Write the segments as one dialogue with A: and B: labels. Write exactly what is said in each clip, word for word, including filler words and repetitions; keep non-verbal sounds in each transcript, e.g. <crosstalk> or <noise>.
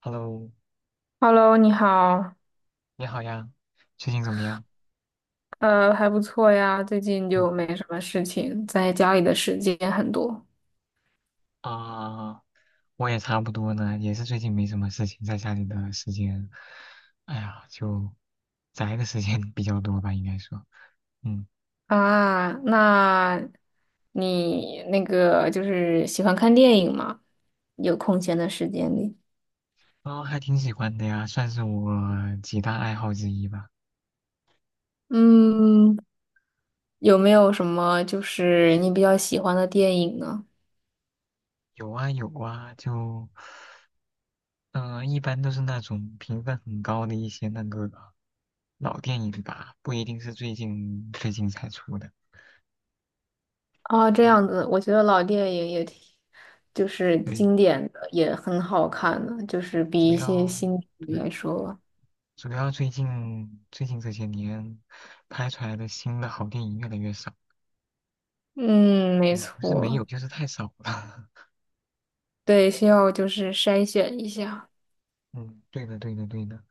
A: Hello，
B: Hello，你好，
A: 你好呀，最近怎么样？
B: 呃，还不错呀，最近
A: 嗯，
B: 就没什么事情，在家里的时间很多
A: 啊，我也差不多呢，也是最近没什么事情，在家里的时间，哎呀，就宅的时间比较多吧，应该说，嗯，
B: 啊。那你那个就是喜欢看电影吗？有空闲的时间里。
A: 啊，还挺喜欢的呀，算是我几大爱好之一吧。
B: 嗯，有没有什么就是你比较喜欢的电影呢？
A: 有啊有啊，就嗯、呃一般都是那种评分很高的一些那个老电影吧，不一定是最近最近才出的。
B: 啊，这
A: 嗯，
B: 样子，我觉得老电影也挺，就是
A: 对，
B: 经典的，也很好看的，就是
A: 主
B: 比一些
A: 要。
B: 新剧
A: 对。
B: 来说吧。
A: 主要最近最近这些年拍出来的新的好电影越来越少，
B: 嗯，没
A: 嗯，不是没
B: 错。
A: 有，就是太少了。<laughs>
B: 对，需要就是筛选一下。
A: 嗯，对的，对的，对的。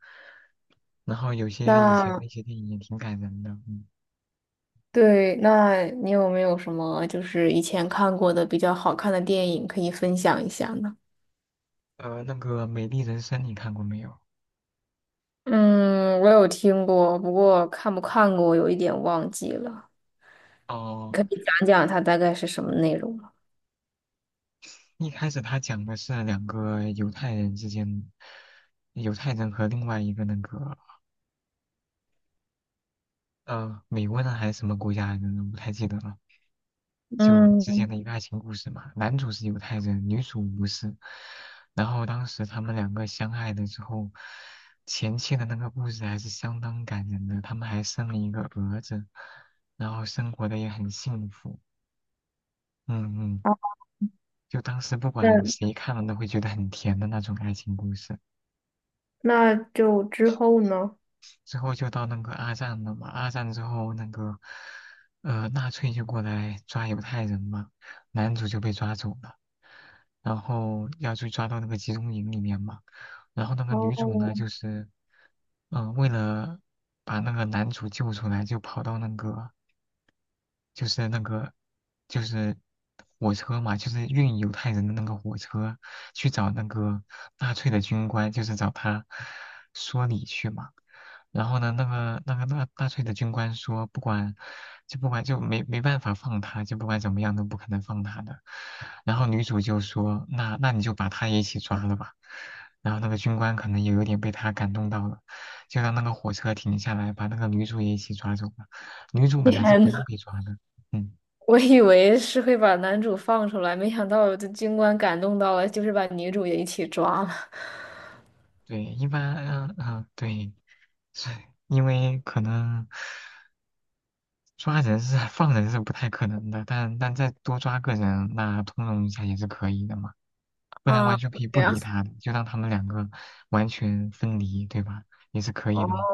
A: 然后有些以前的
B: 那
A: 一些电影也挺感人的，嗯，
B: 对，那你有没有什么就是以前看过的比较好看的电影可以分享一下呢？
A: 呃，那个《美丽人生》你看过没有？
B: 嗯，我有听过，不过看不看过，我有一点忘记了。
A: 哦，
B: 可以讲讲它大概是什么内容吗？
A: 一开始他讲的是两个犹太人之间，犹太人和另外一个那个呃，美国人还是什么国家来着呢？不太记得了。就之前
B: 嗯，
A: 的一个爱情故事嘛，男主是犹太人，女主不是。然后当时他们两个相爱了之后，前期的那个故事还是相当感人的，他们还生了一个儿子，然后生活的也很幸福。嗯嗯，
B: 好
A: 就当时不
B: 的，
A: 管谁看了都会觉得很甜的那种爱情故事。
B: 那就之后呢？
A: 之后就到那个二战了嘛，二战之后那个呃纳粹就过来抓犹太人嘛，男主就被抓走了，然后要去抓到那个集中营里面嘛，然后那个女主呢
B: 哦，
A: 就是嗯、呃为了把那个男主救出来，就跑到那个就是那个就是火车嘛，就是运犹太人的那个火车去找那个纳粹的军官，就是找他说理去嘛。然后呢，那个那个纳纳粹的军官说，不管就不管就没没办法放他，就不管怎么样都不可能放他的。然后女主就说，那那你就把他也一起抓了吧。然后那个军官可能也有点被他感动到了，就让那个火车停下来，把那个女主也一起抓走了。女主本来是
B: 天
A: 不用
B: 呐，
A: 被抓的，嗯，
B: 我以为是会把男主放出来，没想到这军官感动到了，就是把女主也一起抓了。
A: 对，一般，嗯、嗯，对，是因为可能抓人是放人是不太可能的，但但再多抓个人，那通融一下也是可以的嘛，不然完
B: 啊，
A: 全可以不
B: 这样。
A: 理他的，就让他们两个完全分离，对吧？也是可以的嘛。
B: 哦，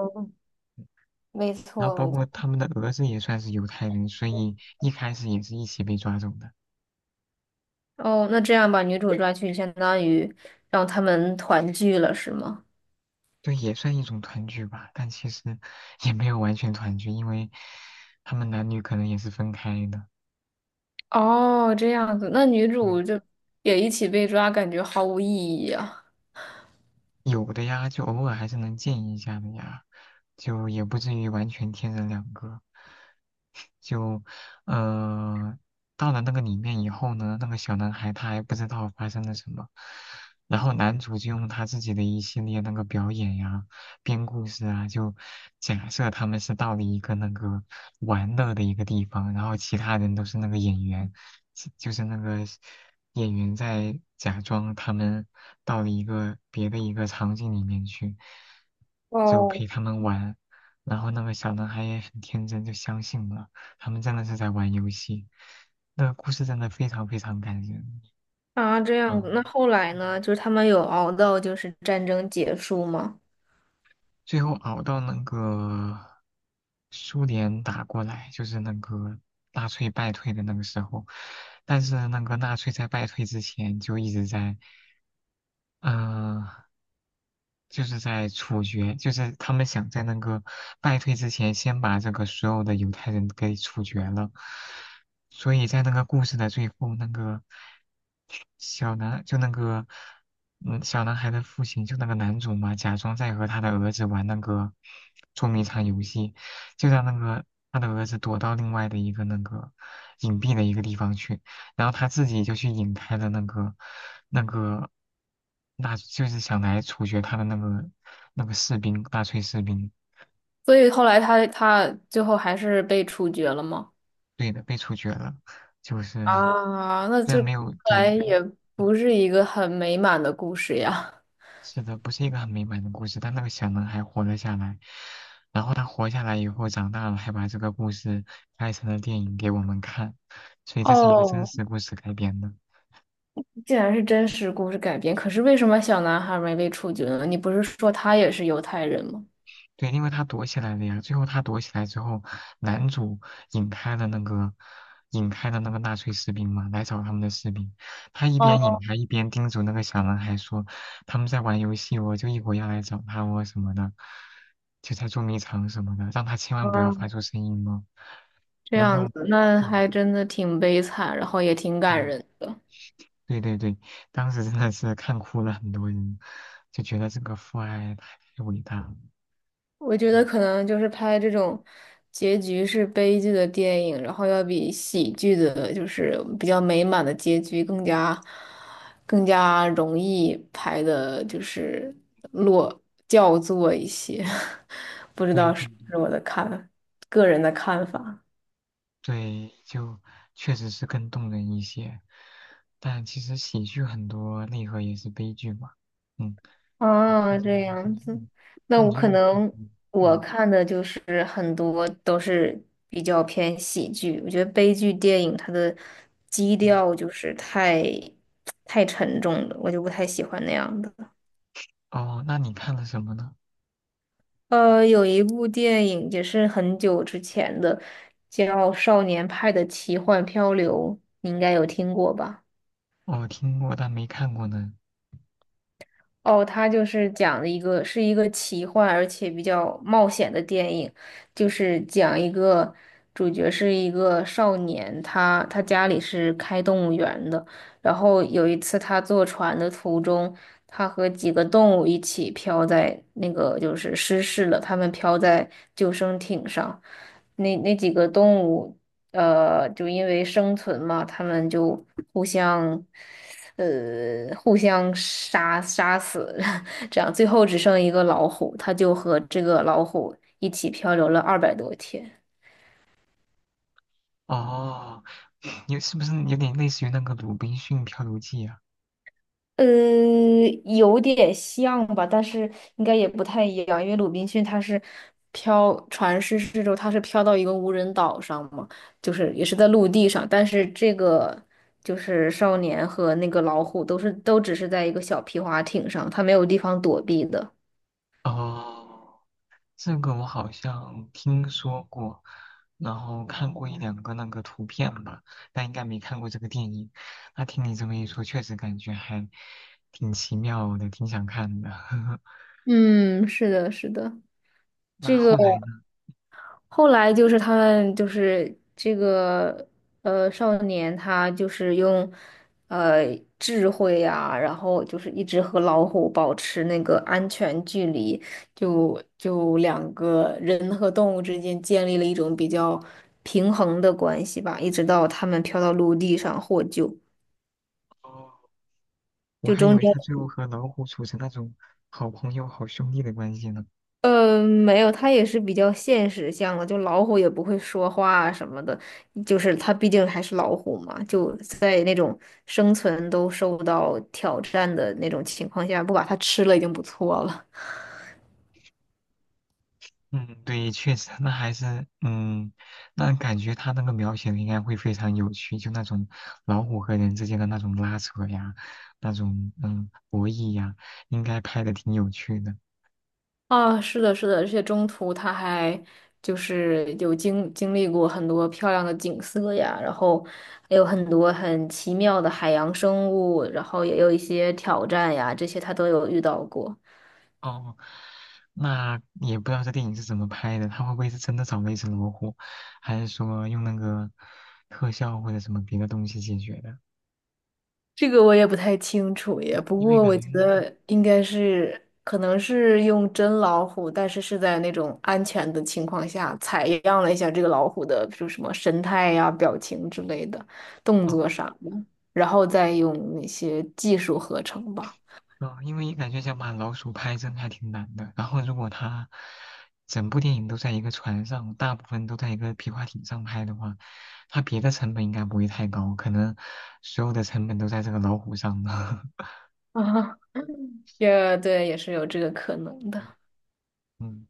B: 没
A: 然后
B: 错，
A: 包
B: 没
A: 括
B: 错。
A: 他们的儿子也算是犹太人，所以一开始也是一起被抓走的，
B: 哦，那这样把女主抓去，相当于让他们团聚了，是吗？
A: 对，也算一种团聚吧，但其实也没有完全团聚，因为他们男女可能也是分开的。
B: 哦，这样子，那女
A: 对，
B: 主就也一起被抓，感觉毫无意义啊。
A: 有的呀，就偶尔还是能见一下的呀，就也不至于完全天人两个。就，呃，到了那个里面以后呢，那个小男孩他还不知道发生了什么，然后男主就用他自己的一系列那个表演呀、编故事啊，就假设他们是到了一个那个玩乐的一个地方，然后其他人都是那个演员，其就是那个演员在假装他们到了一个别的一个场景里面去，就
B: 哦，
A: 陪他们玩。然后那个小男孩也很天真，就相信了，他们真的是在玩游戏。那个故事真的非常非常感人，
B: 啊，这样子。那
A: 嗯，
B: 后来呢？
A: 嗯，
B: 就是他们有熬到就是战争结束吗？
A: 最后熬到那个苏联打过来，就是那个纳粹败退的那个时候，但是那个纳粹在败退之前就一直在，嗯、就是在处决，就是他们想在那个败退之前，先把这个所有的犹太人给处决了。所以在那个故事的最后，那个小男就那个嗯小男孩的父亲，就那个男主嘛，假装在和他的儿子玩那个捉迷藏游戏，就让那个他的儿子躲到另外的一个那个隐蔽的一个地方去。然后他自己就去引开了那个那个，那就是想来处决他的那个那个士兵，纳粹士兵，
B: 所以后来他他最后还是被处决了吗？
A: 对的，被处决了。就是
B: 啊，那
A: 虽然
B: 这
A: 没
B: 看
A: 有对，
B: 来
A: 没，
B: 也不是一个很美满的故事呀。
A: 是的，不是一个很美满的故事，但那个小男孩活了下来。然后他活下来以后，长大了，还把这个故事拍成了电影给我们看，所以这是一个真
B: 哦，
A: 实故事改编的。
B: 既然是真实故事改编，可是为什么小男孩没被处决呢？你不是说他也是犹太人吗？
A: 对，因为他躲起来了呀。最后他躲起来之后，男主引开了那个引开了那个纳粹士兵嘛，来找他们的士兵。他一边
B: 哦，
A: 引他一边叮嘱那个小男孩说："他们在玩游戏哦，我就一会儿要来找他，我什么的，就在捉迷藏什么的，让他千万不要发出声音哦。"
B: 这
A: 然
B: 样
A: 后，
B: 子，那
A: 对，
B: 还真的挺悲惨，然后也挺感
A: 嗯，
B: 人的。
A: 对对对，当时真的是看哭了很多人，就觉得这个父爱太伟大了。
B: 我觉得可能就是拍这种结局是悲剧的电影，然后要比喜剧的，就是比较美满的结局更加更加容易拍的，就是落叫座一些，<laughs>
A: 对对对。
B: 是我的看，个人的看法。
A: 对，就确实是更动人一些。但其实喜剧很多内核也是悲剧嘛，嗯，也
B: 啊，
A: 看是那
B: 这
A: 种喜
B: 样
A: 剧。
B: 子，
A: 嗯，
B: 那
A: 那
B: 我
A: 你有
B: 可
A: 没有看
B: 能
A: 过？
B: 我
A: 嗯，
B: 看的就是很多都是比较偏喜剧，我觉得悲剧电影它的基
A: 哦，
B: 调就是太太沉重了，我就不太喜欢那样的。
A: 哦，那你看了什么呢？
B: 呃，有一部电影也是很久之前的，叫《少年派的奇幻漂流》，你应该有听过吧？
A: 哦，听过但没看过呢。
B: 哦，他就是讲的一个是一个奇幻而且比较冒险的电影，就是讲一个主角是一个少年，他他家里是开动物园的，然后有一次他坐船的途中，他和几个动物一起飘在那个就是失事了，他们飘在救生艇上，那那几个动物呃就因为生存嘛，他们就互相。互相杀杀死，<laughs> 这样最后只剩一个老虎，他就和这个老虎一起漂流了二百多天。
A: 哦，<laughs> 有，是不是有点类似于那个《鲁滨逊漂流记》啊？
B: 呃，有点像吧，但是应该也不太一样，因为鲁滨逊他是飘船失事之后，他是飘到一个无人岛上嘛，就是也是在陆地上，但是这个就是少年和那个老虎都是都只是在一个小皮划艇上，他没有地方躲避的。
A: 哦，这个我好像听说过，然后看过一两个那个图片吧，但应该没看过这个电影。那听你这么一说，确实感觉还挺奇妙的，挺想看的。<laughs>
B: 嗯，是的，是的，
A: 那
B: 这个。
A: 后来呢？
B: 后来就是他们就是这个呃少年，他就是用呃智慧啊，然后就是一直和老虎保持那个安全距离，就就两个人和动物之间建立了一种比较平衡的关系吧，一直到他们飘到陆地上获救，
A: 哦，我
B: 就
A: 还以
B: 中
A: 为
B: 间。
A: 他最后和老虎处成那种好朋友、好兄弟的关系呢。
B: 呃，没有，它也是比较现实向的，就老虎也不会说话啊什么的，就是它毕竟还是老虎嘛，就在那种生存都受到挑战的那种情况下，不把它吃了已经不错了。
A: 嗯，对，确实，那还是，嗯，那感觉他那个描写的应该会非常有趣，就那种老虎和人之间的那种拉扯呀，那种嗯，博弈呀，应该拍的挺有趣的。
B: 啊，是的，是的，而且中途它还就是有经经历过很多漂亮的景色呀，然后还有很多很奇妙的海洋生物，然后也有一些挑战呀，这些它都有遇到过。
A: 哦，那也不知道这电影是怎么拍的，他会不会是真的找了一只老虎，还是说用那个特效或者什么别的东西解决的？
B: 这个我也不太清楚耶，不
A: 因为
B: 过
A: 感
B: 我
A: 觉，
B: 觉得应该是，可能是用真老虎，但是是在那种安全的情况下采样了一下这个老虎的，比如什么神态呀、表情之类的，动
A: 哦，
B: 作啥的，然后再用那些技术合成吧。
A: 啊，因为感觉想把老鼠拍真还挺难的。然后如果他整部电影都在一个船上，大部分都在一个皮划艇上拍的话，他别的成本应该不会太高，可能所有的成本都在这个老虎上了。<laughs>
B: <laughs> 啊，也对，也是有这个可能的。
A: 嗯，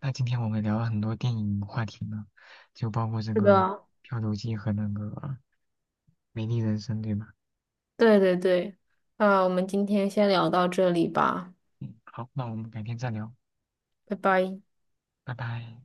A: 那今天我们聊了很多电影话题呢，就包括这
B: 是
A: 个
B: 的，
A: 《漂流记》和那个《美丽人生》，对吧？
B: 对对对，啊，我们今天先聊到这里吧，
A: 嗯，好，那我们改天再聊，
B: 拜拜。
A: 拜拜。